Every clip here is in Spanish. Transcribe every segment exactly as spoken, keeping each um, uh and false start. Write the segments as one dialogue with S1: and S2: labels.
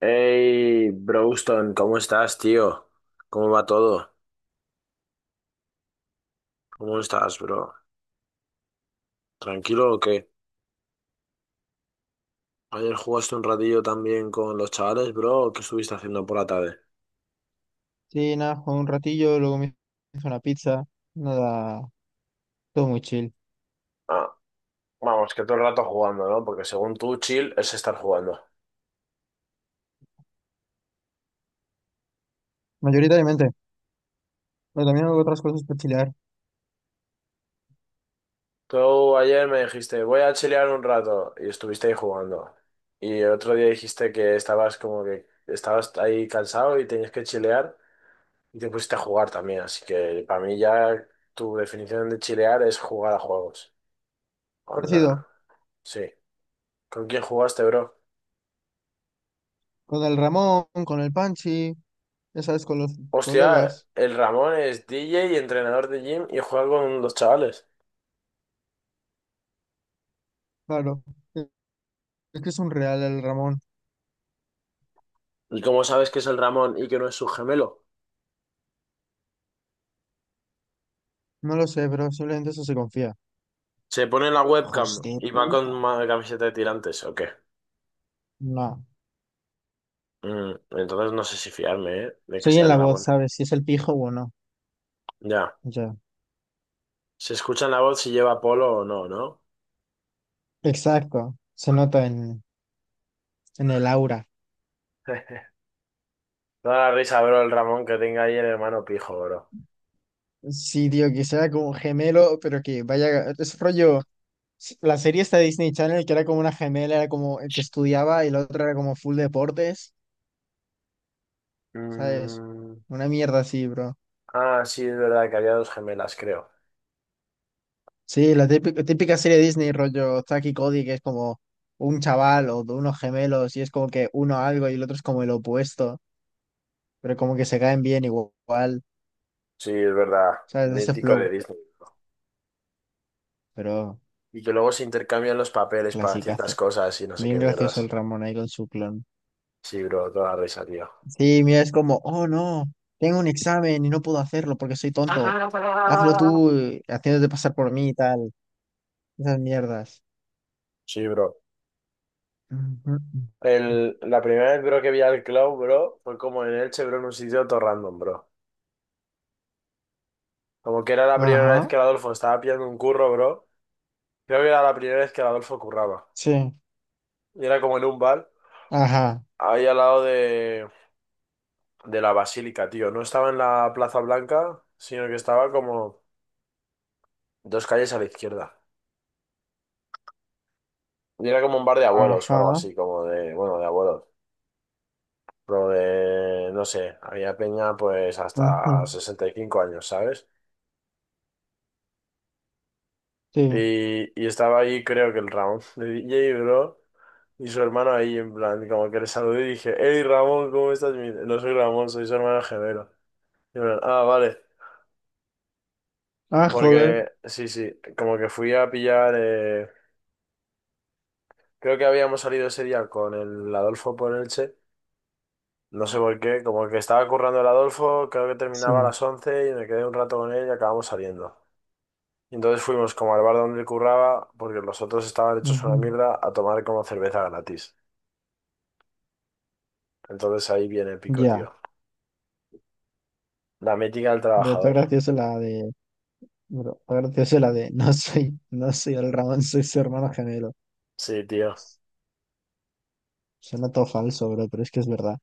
S1: Hey, Broston, ¿cómo estás, tío? ¿Cómo va todo? ¿Cómo estás, bro? ¿Tranquilo o qué? ¿Ayer jugaste un ratillo también con los chavales, bro? ¿O qué estuviste haciendo por la tarde?
S2: Sí, nada, jugué un ratillo, luego me hice una pizza, nada, todo muy chill.
S1: Ah, vamos, que todo el rato jugando, ¿no? Porque según tú, chill es estar jugando.
S2: Mayoritariamente, pero también hago otras cosas para chilear.
S1: Tú ayer me dijiste, voy a chilear un rato, y estuviste ahí jugando. Y el otro día dijiste que estabas como que estabas ahí cansado y tenías que chilear, y te pusiste a jugar también. Así que para mí ya tu definición de chilear es jugar a juegos. Con la
S2: Parecido,
S1: sí. ¿Con quién jugaste, bro?
S2: con el Ramón, con el Panchi, ya sabes, con los
S1: Hostia,
S2: colegas,
S1: el Ramón es D J y entrenador de gym y juega con los chavales.
S2: claro. Es que es un real el Ramón,
S1: ¿Y cómo sabes que es el Ramón y que no es su gemelo?
S2: no lo sé, pero simplemente eso se confía.
S1: Se pone la webcam
S2: Hijos de
S1: y va con
S2: puta.
S1: ma- camiseta de tirantes, ¿o qué?
S2: No,
S1: Mm, entonces no sé si fiarme, ¿eh? De que
S2: soy
S1: sea
S2: en
S1: el
S2: la voz,
S1: Ramón.
S2: ¿sabes? Si es el pijo o no.
S1: Ya.
S2: Ya.
S1: Se escucha en la voz si lleva polo o no, ¿no?
S2: Exacto, se nota en, en el aura.
S1: Toda la risa, bro, el Ramón que tenga ahí el hermano pijo, bro.
S2: Sí, tío, que sea como gemelo, pero que vaya, es rollo. s- La serie esta de Disney Channel, que era como una gemela, era como el que estudiaba y la otra era como full deportes, ¿sabes?
S1: Mm.
S2: Una mierda así, bro.
S1: Ah, sí, es verdad que había dos gemelas, creo.
S2: Sí, la típica, típica serie de Disney, rollo Zack y Cody, que es como un chaval o de unos gemelos y es como que uno algo y el otro es como el opuesto, pero como que se caen bien igual,
S1: Sí, es verdad.
S2: ¿sabes? De ese
S1: Mítico
S2: flow,
S1: de Disney.
S2: pero
S1: Y que luego se intercambian los papeles para ciertas
S2: clasicazo.
S1: cosas y no sé
S2: Bien
S1: qué
S2: gracioso el
S1: mierdas.
S2: Ramón ahí con su clon.
S1: Sí, bro, toda la risa, tío.
S2: Sí, mira, es como, oh no, tengo un examen y no puedo hacerlo porque soy tonto. Hazlo tú, eh, haciéndote pasar por mí y tal. Esas mierdas.
S1: Sí, bro.
S2: Ujú.
S1: El, la primera vez, bro, que vi al Clown, bro, fue como en Elche, bro, en un sitio todo random, bro. Como que era la primera vez
S2: Ajá,
S1: que el Adolfo estaba pillando un curro, bro. Creo que era la primera vez que el Adolfo curraba.
S2: sí,
S1: Y era como en un bar,
S2: ajá,
S1: ahí al lado de, de la Basílica, tío. No estaba en la Plaza Blanca, sino que estaba como dos calles a la izquierda. Y era como un bar de abuelos o algo
S2: ajá,
S1: así, como de, bueno, de abuelos. Lo de, no sé, había peña pues hasta
S2: ujú,
S1: sesenta y cinco años, ¿sabes?
S2: sí.
S1: Y, y estaba ahí, creo que el Ramón de D J, bro, y su hermano ahí, en plan, como que le saludé y dije, hey Ramón, ¿cómo estás? Y me dice, no soy Ramón, soy su hermano gemelo. Y en plan, ah, vale,
S2: Ah, joder,
S1: porque sí, sí, como que fui a pillar, eh, creo que habíamos salido ese día con el Adolfo por Elche, no sé por qué, como que estaba currando el Adolfo, creo que
S2: sí,
S1: terminaba a las once y me quedé un rato con él y acabamos saliendo. Y entonces fuimos como al bar donde él curraba, porque los otros estaban hechos
S2: ujú.
S1: una mierda, a tomar como cerveza gratis. Entonces ahí viene el pico,
S2: Ya,
S1: tío. La mítica del
S2: pero está
S1: trabajador.
S2: gracioso la de, pero está gracioso la de, no soy, no soy el Ramón, soy su hermano gemelo.
S1: Sí, tío.
S2: Suena todo falso, bro, pero es que es verdad.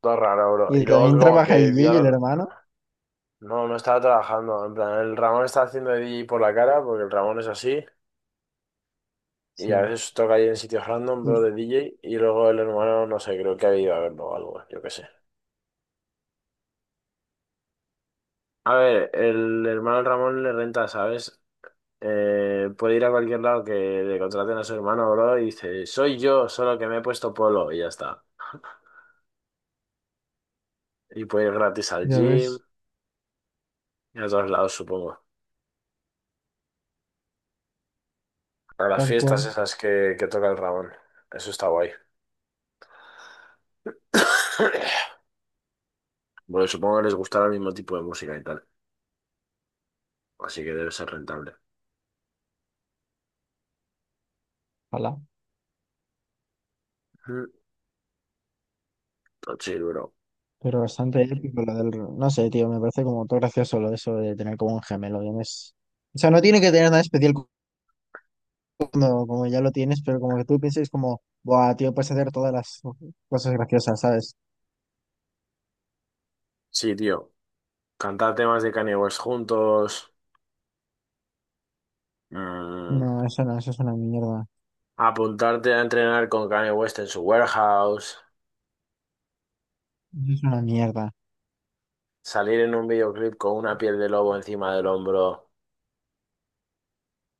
S1: Todo raro, bro.
S2: Y
S1: Y
S2: también
S1: luego como
S2: trabaja D
S1: que
S2: J
S1: vi
S2: y el
S1: al...
S2: hermano.
S1: No, no estaba trabajando. En plan, el Ramón está haciendo de D J por la cara, porque el Ramón es así. Y a
S2: Sí.
S1: veces toca ahí en sitios random,
S2: Y-
S1: bro, de D J. Y luego el hermano, no sé, creo que ha ido a verlo o algo, yo qué sé. A ver, el hermano Ramón le renta, ¿sabes? Eh, puede ir a cualquier lado que le contraten a su hermano, bro, y dice, soy yo, solo que me he puesto polo, y ya está. Y puede ir gratis al
S2: Ya
S1: gym
S2: ves,
S1: y a todos lados, supongo. A las
S2: tal
S1: fiestas
S2: cual.
S1: esas que, que toca el Ramón. Eso está guay. Bueno, supongo que les gustará el mismo tipo de música y tal. Así que debe ser rentable.
S2: Ojalá.
S1: Mm, todo chill, bro.
S2: Pero bastante épico lo del... No sé, tío, me parece como todo gracioso lo de eso de tener como un gemelo. ya no es- O sea, no tiene que tener nada especial cuando como ya lo tienes, pero como que tú pienses como, buah, tío, puedes hacer todas las cosas graciosas, ¿sabes?
S1: Sí, tío. Cantar temas de Kanye West juntos. Mm,
S2: No, eso no, eso es una mierda.
S1: apuntarte a entrenar con Kanye West en su warehouse.
S2: Eso es una mierda.
S1: Salir en un videoclip con una piel de lobo encima del hombro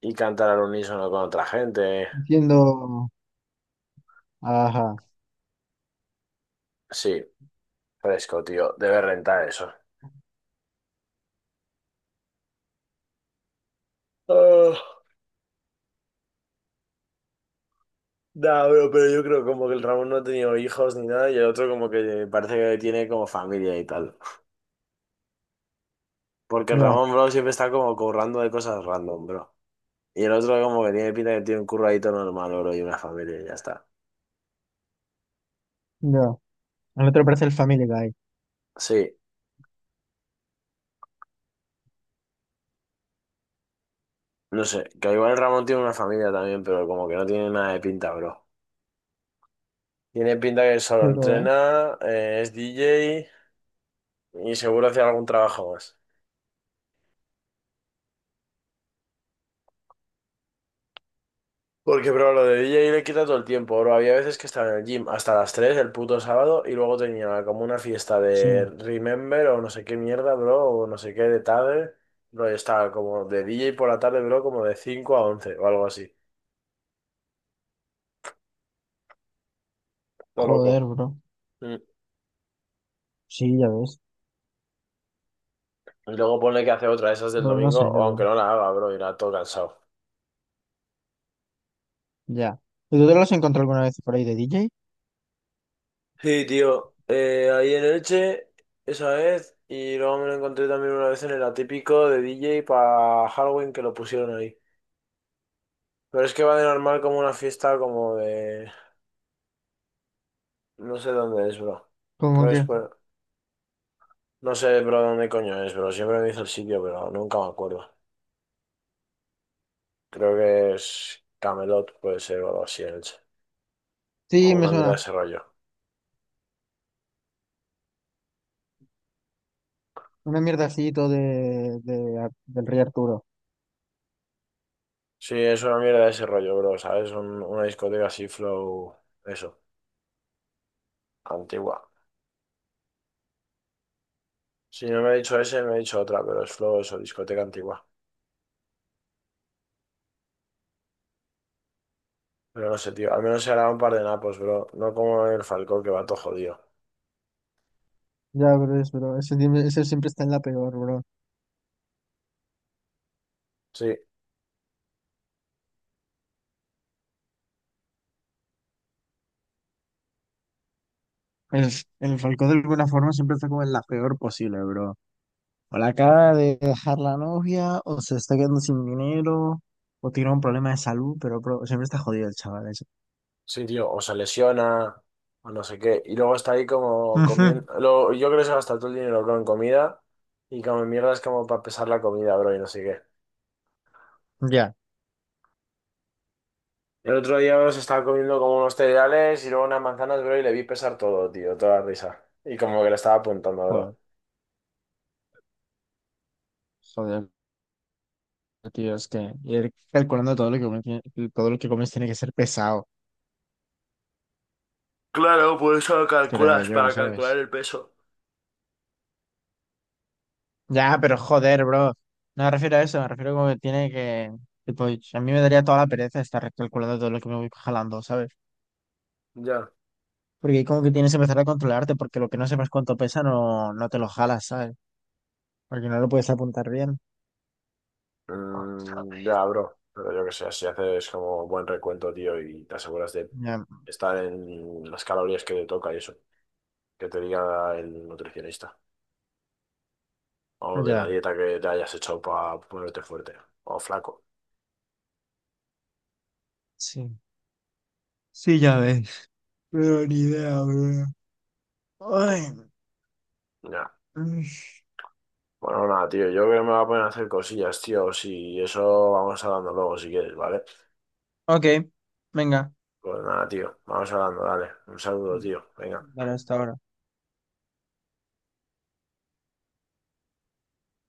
S1: y cantar al unísono con otra gente.
S2: Entiendo. Ajá.
S1: Sí, fresco, tío. Debe rentar eso. Oh, nah, bro, pero yo creo como que el Ramón no ha tenido hijos ni nada y el otro como que parece que tiene como familia y tal. Porque el
S2: Ya,
S1: Ramón, bro, siempre está como currando de cosas random, bro. Y el otro como que tiene pinta que tiene un curradito normal, bro, y una familia y ya está.
S2: ya. Al otro parece el Family Guy.
S1: Sí, no sé, que igual el Ramón tiene una familia también, pero como que no tiene nada de pinta, bro. Tiene pinta que solo
S2: Pero, ¿eh?
S1: entrena, eh, es D J y seguro hace algún trabajo más. Porque, bro, lo de D J le quita todo el tiempo, bro. Había veces que estaba en el gym hasta las tres el puto sábado y luego tenía como una fiesta
S2: Sí.
S1: de Remember o no sé qué mierda, bro, o no sé qué de tarde. Bro, y estaba como de D J por la tarde, bro, como de cinco a once o algo así. Todo loco.
S2: Joder, bro.
S1: Mm.
S2: Sí, ya ves.
S1: Y luego pone que hace otra, de esas del
S2: Pero no
S1: domingo,
S2: sé,
S1: o
S2: bro.
S1: aunque no la haga, bro, irá todo cansado.
S2: Ya. ¿Y tú te lo has encontrado alguna vez por ahí de D J?
S1: Sí, tío. Eh, ahí en Elche, esa vez, y luego me lo encontré también una vez en el atípico de D J para Halloween que lo pusieron ahí. Pero es que va de normal como una fiesta como de... No sé dónde es, bro.
S2: Como
S1: Creo que es
S2: que.
S1: por... No sé, bro, dónde coño es, bro. Siempre me dice el sitio, pero nunca me acuerdo. Creo que es Camelot, puede ser, o algo así en Elche.
S2: Sí,
S1: O
S2: me
S1: una mierda de
S2: suena.
S1: ese rollo.
S2: Una mierda así, todo de, de Ar- del Rey Arturo.
S1: Sí, es una mierda de ese rollo, bro, ¿sabes? Un- una discoteca así, flow... Eso, antigua. Si no me ha dicho ese, me ha dicho otra, pero es flow eso, discoteca antigua. Pero no sé, tío. Al menos se hará un par de napos, bro. No como el Falcón que va todo jodido.
S2: Ya, bro, es, bro. Ese, siempre ese siempre está en la peor, bro.
S1: Sí,
S2: El, el Falcón de alguna forma siempre está como en la peor posible, bro. O la acaba de dejar la novia, o se está quedando sin dinero, o tiene un problema de salud, pero, bro, siempre está jodido el chaval ese.
S1: sí, tío. O se lesiona, o no sé qué. Y luego está ahí como
S2: Ujú.
S1: comiendo. lo- Yo creo que se gasta todo el dinero bro, en comida. Y como en mierda es como para pesar la comida, bro, y no sé qué.
S2: Ya,
S1: El otro día bro, se estaba comiendo como unos cereales y luego unas manzanas, bro, y le vi pesar todo, tío. Toda la risa. Y como que le estaba apuntando,
S2: joder.
S1: bro.
S2: Joder, tío, es que ir calculando todo lo que comes, todo lo que comes tiene que ser pesado,
S1: Claro, por eso lo
S2: creo
S1: calculas,
S2: yo,
S1: para calcular
S2: ¿sabes?
S1: el peso.
S2: Ya, pero joder, bro. No me refiero a eso, me refiero como que tiene que. Tipo, a mí me daría toda la pereza estar recalculando todo lo que me voy jalando, ¿sabes?
S1: Ya.
S2: Porque como que tienes que empezar a controlarte, porque lo que no sepas cuánto pesa no, no te lo jalas, ¿sabes? Porque no lo puedes apuntar bien.
S1: Mm, ya, bro. Pero yo que sé, si haces como buen recuento, tío, y te aseguras de
S2: Ya,
S1: estar en las calorías que te toca y eso, que te diga el nutricionista. O de la
S2: ya.
S1: dieta que te hayas hecho para ponerte fuerte o flaco.
S2: Sí. Sí, ya ves. Pero ni idea, bro.
S1: Puh,
S2: Ay.
S1: ya.
S2: Mm.
S1: Bueno, nada, tío. Yo creo que me voy a poner a hacer cosillas, tío. Si eso vamos hablando luego, si quieres, ¿vale?
S2: Ok, venga.
S1: Pues nada, tío. Vamos hablando, dale. Un saludo, tío. Venga.
S2: Vale, hasta ahora.